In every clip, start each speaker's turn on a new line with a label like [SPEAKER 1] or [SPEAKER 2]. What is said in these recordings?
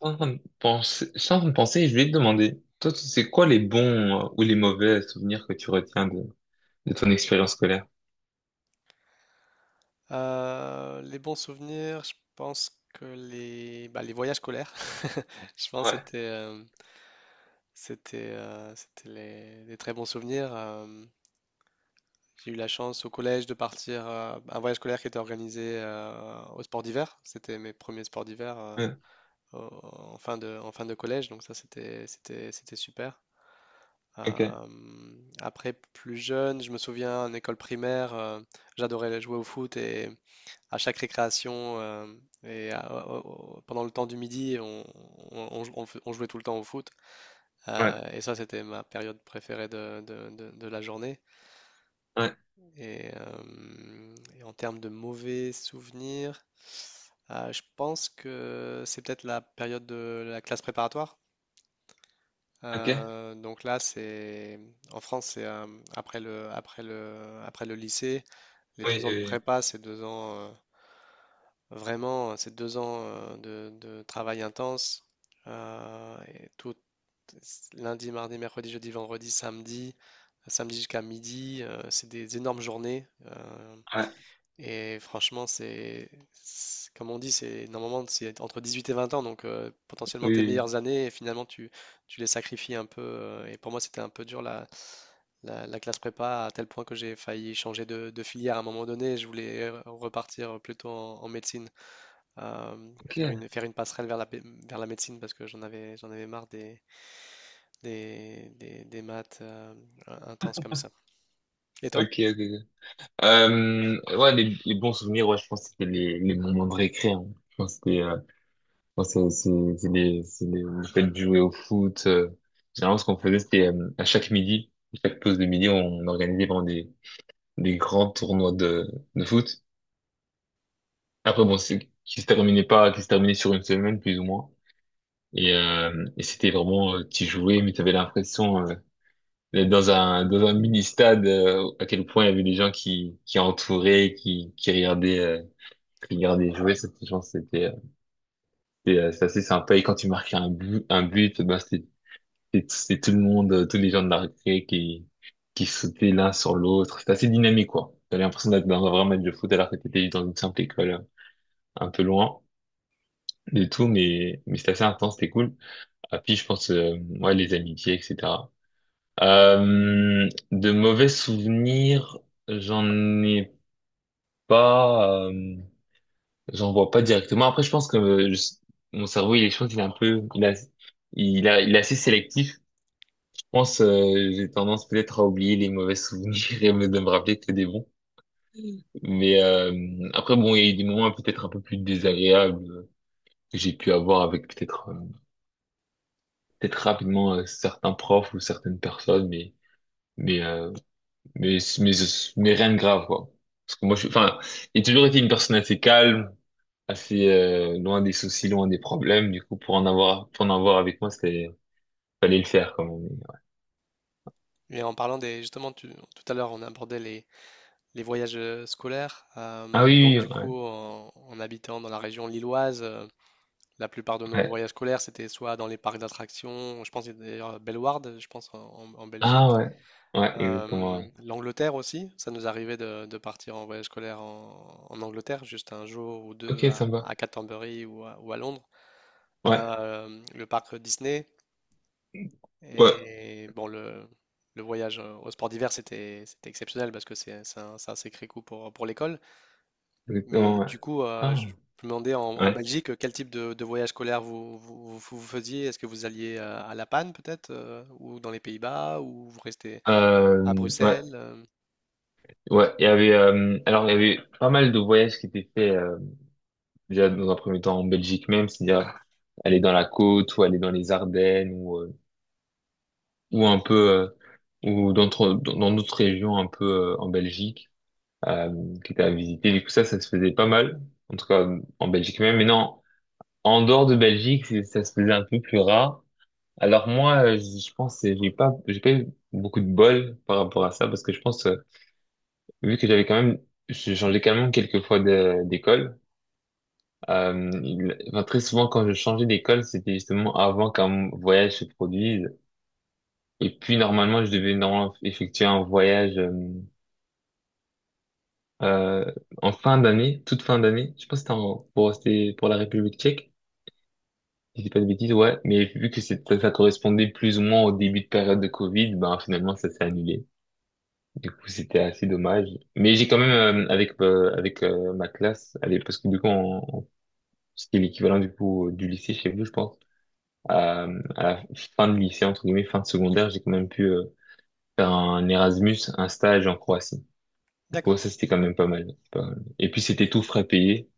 [SPEAKER 1] Sans penser, sans penser, je vais te demander, toi, tu sais quoi les bons ou les mauvais souvenirs que tu retiens de ton expérience scolaire?
[SPEAKER 2] Les bons souvenirs, je pense que les voyages scolaires, je pense que
[SPEAKER 1] Ouais,
[SPEAKER 2] c'était des très bons souvenirs. J'ai eu la chance au collège de partir un voyage scolaire qui était organisé au sport d'hiver. C'était mes premiers sports d'hiver
[SPEAKER 1] ouais,
[SPEAKER 2] au- en en fin de collège, donc ça c'était super.
[SPEAKER 1] ok,
[SPEAKER 2] Euh, après plus jeune, je me souviens en école primaire, j'adorais jouer au foot et à chaque récréation et à- au- pendant le temps du midi, on jouait tout le temps au foot.
[SPEAKER 1] ouais,
[SPEAKER 2] Et ça, c'était ma période préférée de la journée.
[SPEAKER 1] ouais,
[SPEAKER 2] En termes de mauvais souvenirs, je pense que c'est peut-être la période de la classe préparatoire.
[SPEAKER 1] ok,
[SPEAKER 2] Donc là, c'est en France, c'est après après le lycée, les
[SPEAKER 1] oui,
[SPEAKER 2] deux ans de
[SPEAKER 1] oui, oui,
[SPEAKER 2] prépa, c'est deux ans. Vraiment, ces deux ans de travail intense, et tout: lundi, mardi, mercredi, jeudi, vendredi, samedi, samedi jusqu'à midi, c'est des énormes journées. euh,
[SPEAKER 1] ouais,
[SPEAKER 2] et franchement, comme on dit, c'est normalement c'est entre 18 et 20 ans, donc potentiellement tes
[SPEAKER 1] oui, oui.
[SPEAKER 2] meilleures années, et tu les sacrifies un peu. Et pour moi, c'était un peu dur la classe prépa à tel point que j'ai failli changer de filière à un moment donné. Je voulais repartir plutôt en médecine euh,
[SPEAKER 1] Ok,
[SPEAKER 2] faire faire une passerelle vers vers la médecine parce que j'en avais marre des maths intenses comme ça. Et
[SPEAKER 1] ok,
[SPEAKER 2] toi?
[SPEAKER 1] ok. Ok. Ouais, les bons souvenirs, ouais, je pense que c'était les moments de récré, hein. Je pense que c'était, moi, c'est les, le fait de jouer au foot. Généralement, ce qu'on faisait, c'était à chaque midi, à chaque pause de midi, on organisait vraiment des grands tournois de foot. Après, bon, c'est qui se terminait pas, qui se terminait sur une semaine, plus ou moins. Et c'était vraiment, tu jouais, mais tu avais l'impression d'être dans un mini-stade, à quel point il y avait des gens qui entouraient, qui regardaient, qui regardaient jouer. Je pense que c'est assez sympa. Et quand tu marquais un but, ben, c'était tout le monde, tous les gens de la récré qui sautaient l'un sur l'autre. C'était assez dynamique, quoi. T'avais l'impression d'être dans un vrai match de foot alors que t'étais dans une simple école, un peu loin. Du tout, mais c'était assez intense, c'était cool. Ah, puis je pense, ouais, les amitiés, etc. De mauvais souvenirs, j'en ai pas, j'en vois pas directement. Après, je pense que mon cerveau, il est, je pense qu'il est un peu, il est assez sélectif. Je pense, j'ai tendance peut-être à oublier les mauvais souvenirs et de me rappeler que des bons. Mais après, bon, il y a eu des moments peut-être un peu plus désagréables que j'ai pu avoir avec peut-être rapidement certains profs ou certaines personnes, mais euh, mais mais mais rien de grave quoi. Parce que moi, enfin, j'ai toujours été une personne assez calme, assez loin des soucis, loin des problèmes. Du coup, pour en avoir avec moi, c'était fallait le faire quand même.
[SPEAKER 2] Et en parlant justement, tout à l'heure, on abordait les voyages scolaires.
[SPEAKER 1] Ah
[SPEAKER 2] Euh,
[SPEAKER 1] oui,
[SPEAKER 2] donc,
[SPEAKER 1] oui,
[SPEAKER 2] du
[SPEAKER 1] ouais,
[SPEAKER 2] coup, en, en habitant dans la région lilloise, la plupart de nos
[SPEAKER 1] ouais.
[SPEAKER 2] voyages scolaires, c'était soit dans les parcs d'attractions, je pense qu'il y d'ailleurs à Bellewaerde, je pense, en
[SPEAKER 1] Ah
[SPEAKER 2] Belgique.
[SPEAKER 1] ouais, ouais, exactement. Ouais.
[SPEAKER 2] L'Angleterre aussi, ça nous arrivait de partir en voyage scolaire en Angleterre, juste un jour ou deux
[SPEAKER 1] Ok, sympa.
[SPEAKER 2] à Canterbury ou à Londres.
[SPEAKER 1] Ouais,
[SPEAKER 2] Le parc Disney.
[SPEAKER 1] ouais,
[SPEAKER 2] Et bon, le voyage au sport d'hiver, c'était exceptionnel parce que c'est un sacré coup pour l'école. Mais
[SPEAKER 1] exactement. Ouais.
[SPEAKER 2] du coup, je
[SPEAKER 1] Ah
[SPEAKER 2] me demandais en
[SPEAKER 1] ouais,
[SPEAKER 2] Belgique quel type de voyage scolaire vous faisiez. Est-ce que vous alliez à La Panne peut-être, ou dans les Pays-Bas, ou vous restez à
[SPEAKER 1] ouais,
[SPEAKER 2] Bruxelles?
[SPEAKER 1] ouais. Il y avait alors il y avait pas mal de voyages qui étaient faits. Déjà dans un premier temps en Belgique même, c'est-à-dire aller dans la côte ou aller dans les Ardennes ou un peu ou dans d'autres régions un peu en Belgique euh, qui étaient à visiter. Du coup ça se faisait pas mal en tout cas en Belgique même. Mais non, en dehors de Belgique, ça se faisait un peu plus rare. Alors moi, je pense que j'ai pas eu beaucoup de bol par rapport à ça parce que je pense vu que j'ai changé quand même quelques fois d'école. Enfin, très souvent, quand je changeais d'école, c'était justement avant qu'un voyage se produise. Et puis, normalement, je devais normalement effectuer un voyage euh, en fin d'année, toute fin d'année. Je pense que c'était pour la République tchèque, si je dis pas de bêtises, ouais. Mais vu que ça correspondait plus ou moins au début de période de Covid, ben finalement, ça s'est annulé. Du coup, c'était assez dommage. Mais j'ai quand même, avec avec ma classe, allez, parce que du coup, c'était l'équivalent du coup du lycée chez vous, je pense. À la fin de lycée, entre guillemets, fin de secondaire, j'ai quand même pu faire un Erasmus, un stage en Croatie. Du coup,
[SPEAKER 2] D'accord.
[SPEAKER 1] ça, c'était quand même pas mal. Pas mal. Et puis, c'était tout frais payé.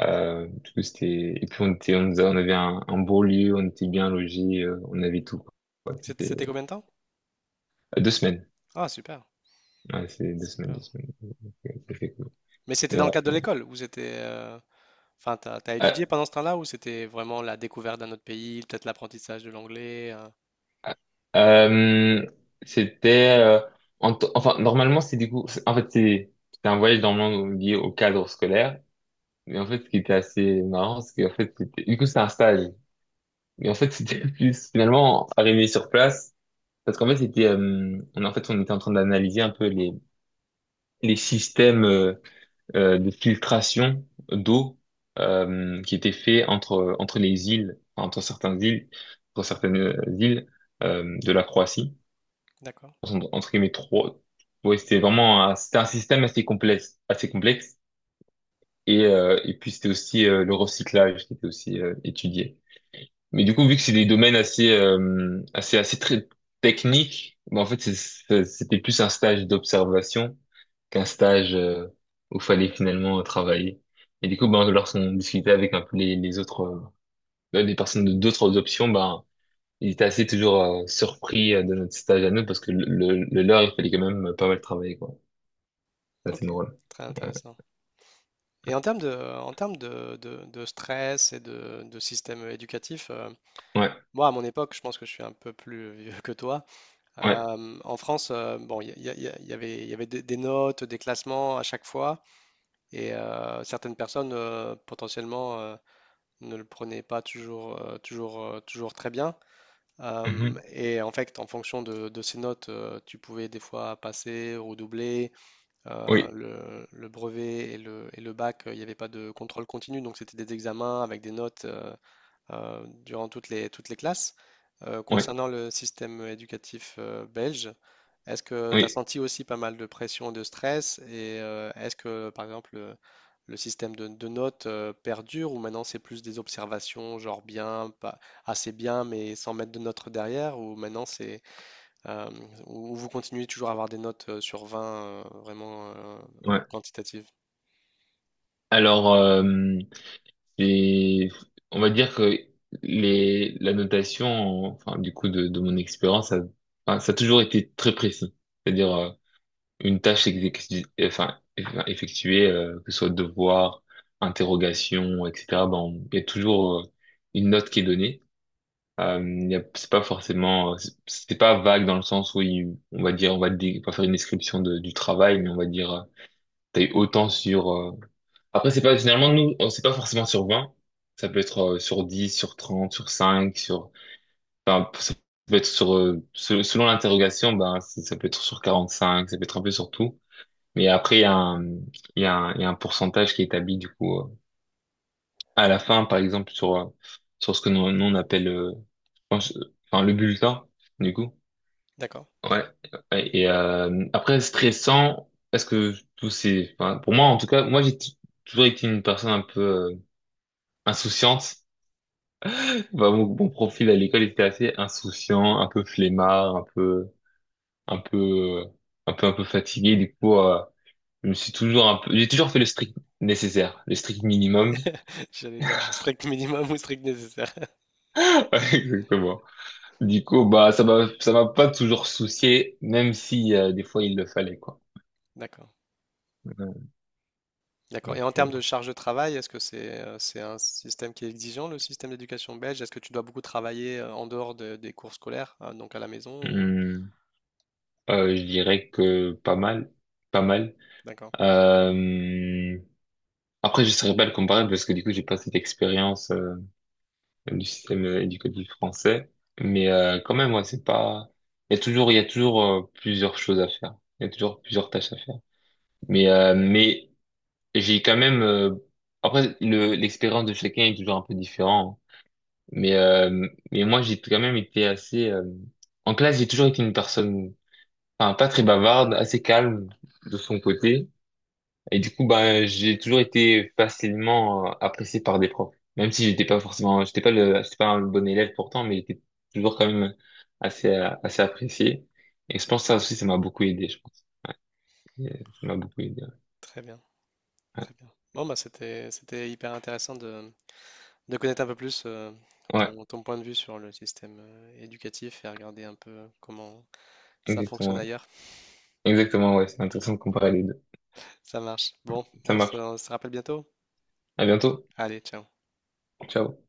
[SPEAKER 1] Du coup, c'était. Et puis, on était, on avait un beau lieu, on était bien logés, on avait tout, quoi. Ouais,
[SPEAKER 2] C'était
[SPEAKER 1] c'était
[SPEAKER 2] combien de temps?
[SPEAKER 1] 2 semaines.
[SPEAKER 2] Ah, super,
[SPEAKER 1] Ouais, c'est deux semaines, deux
[SPEAKER 2] super.
[SPEAKER 1] semaines. C'était cool.
[SPEAKER 2] Mais c'était
[SPEAKER 1] Mais
[SPEAKER 2] dans le
[SPEAKER 1] ouais.
[SPEAKER 2] cadre de l'école ou c'était... Enfin, t'as étudié
[SPEAKER 1] Euh,
[SPEAKER 2] pendant ce temps-là ou c'était vraiment la découverte d'un autre pays, peut-être l'apprentissage de l'anglais?
[SPEAKER 1] euh, euh, c'était en enfin, normalement c'est du coup en fait c'est un voyage normalement lié au cadre scolaire. Mais en fait, ce qui était assez marrant, c'est qu'en fait, du coup, c'était un stage. Mais en fait, c'était plus finalement arrivé sur place, parce qu'en fait, c'était, on, en fait, on était en train d'analyser un peu les systèmes de filtration d'eau qui étaient faits entre les îles, enfin, entre certaines îles de la Croatie.
[SPEAKER 2] D'accord,
[SPEAKER 1] Entre guillemets, trois. Ouais, c'était vraiment, c'était un système assez complexe, assez complexe. Et puis c'était aussi le recyclage qui était aussi étudié. Mais du coup, vu que c'est des domaines assez très techniques, bah, en fait, c'était plus un stage d'observation qu'un stage où fallait finalement travailler. Et du coup, ben, lorsqu'on discutait avec un peu les autres, les personnes de d'autres options, ben, ils étaient assez toujours surpris de notre stage à nous parce que le leur, il fallait quand même pas mal travailler, quoi. Ça,
[SPEAKER 2] ok,
[SPEAKER 1] c'est drôle.
[SPEAKER 2] très intéressant. Et en termes de stress et de système éducatif,
[SPEAKER 1] Ouais,
[SPEAKER 2] moi, à mon époque, je pense que je suis un peu plus vieux que toi.
[SPEAKER 1] ouais,
[SPEAKER 2] En France, bon, il y, a- il y a- il y avait des notes, des classements à chaque fois, et certaines personnes potentiellement ne le prenait pas toujours très bien. Euh,
[SPEAKER 1] mhm,
[SPEAKER 2] et en fait, en fonction de ces notes, tu pouvais des fois passer, redoubler.
[SPEAKER 1] oui,
[SPEAKER 2] Le brevet et le bac, il n'y avait pas de contrôle continu, donc c'était des examens avec des notes durant toutes les classes. Euh,
[SPEAKER 1] ouais,
[SPEAKER 2] concernant le système éducatif belge, est-ce que tu as
[SPEAKER 1] oui,
[SPEAKER 2] senti aussi pas mal de pression, de stress et est-ce que par exemple le système de notes perdure ou maintenant c'est plus des observations genre bien, pas assez bien mais sans mettre de notes derrière ou maintenant c'est euh, ou vous continuez toujours à avoir des notes sur 20 euh, vraiment euh,
[SPEAKER 1] ouais.
[SPEAKER 2] euh, quantitatives?
[SPEAKER 1] Alors. Et on va dire que la notation, enfin, du coup, de mon expérience, ça, enfin, ça a toujours été très précis. C'est-à-dire, une tâche exécutée, enfin, effectuée, que ce soit devoir, interrogation, etc., ben, il y a toujours, une note qui est donnée. C'est pas forcément, c'est pas vague dans le sens où on va dire, on va pas faire une description du travail, mais on va dire, t'as eu autant sur après, c'est pas, finalement, nous, on sait pas forcément sur 20. Ça peut être sur 10 sur 30 sur 5 sur, enfin, ça peut être sur, selon l'interrogation, ben, ça peut être sur 45, ça peut être un peu sur tout. Mais après, il y a un, il y a un, il y a un pourcentage qui est établi, du coup, à la fin, par exemple, sur ce que nous, nous, on appelle, je pense, enfin, le bulletin, du coup.
[SPEAKER 2] D'accord.
[SPEAKER 1] Ouais. Ouais, et, après, stressant, est-ce que tous ces, enfin, pour moi, en tout cas, moi, j'ai toujours été une personne un peu, insouciante. Bah, mon profil à l'école était assez insouciant, un peu flemmard, un peu, un peu, un peu, un peu fatigué. Du coup, je me suis toujours un peu, j'ai toujours fait le strict nécessaire, le strict minimum.
[SPEAKER 2] J'allais dire strict minimum ou strict nécessaire.
[SPEAKER 1] Exactement. Du coup, bah, ça m'a pas toujours soucié, même si, des fois il le fallait, quoi.
[SPEAKER 2] D'accord. D'accord. Et
[SPEAKER 1] Donc,
[SPEAKER 2] en termes de charge de travail, est-ce que c'est un système qui est exigeant, le système d'éducation belge? Est-ce que tu dois beaucoup travailler en dehors des cours scolaires, donc à la maison ou...
[SPEAKER 1] hum, je dirais que pas mal, pas mal.
[SPEAKER 2] D'accord.
[SPEAKER 1] Euh, Après, je saurais pas le comparer parce que du coup, j'ai pas cette expérience. Du système éducatif français. Mais quand même, ouais, c'est pas. Il y a toujours plusieurs choses à faire. Il y a toujours plusieurs tâches à faire. Mais j'ai quand même. Après, le l'expérience de chacun est toujours un peu différente. Mais moi, j'ai quand même été assez. En classe, j'ai toujours été une personne, enfin, pas très bavarde, assez calme de son côté. Et du coup, bah, j'ai toujours été facilement apprécié par des profs. Même si j'étais pas forcément, j'étais pas un bon élève pourtant, mais j'étais toujours quand même assez apprécié. Et je pense que ça aussi, ça m'a beaucoup aidé, je pense. Euh, Ça m'a beaucoup aidé.
[SPEAKER 2] Très bien,
[SPEAKER 1] Ouais,
[SPEAKER 2] très bien. Bon, bah c'était hyper intéressant de connaître un peu plus
[SPEAKER 1] ouais,
[SPEAKER 2] ton point de vue sur le système éducatif et regarder un peu comment ça
[SPEAKER 1] exactement,
[SPEAKER 2] fonctionne
[SPEAKER 1] ouais.
[SPEAKER 2] ailleurs.
[SPEAKER 1] Exactement, ouais. C'est intéressant de comparer les deux.
[SPEAKER 2] Ça marche. Bon,
[SPEAKER 1] Ça marche.
[SPEAKER 2] on se rappelle bientôt.
[SPEAKER 1] À bientôt.
[SPEAKER 2] Allez, ciao.
[SPEAKER 1] Ciao.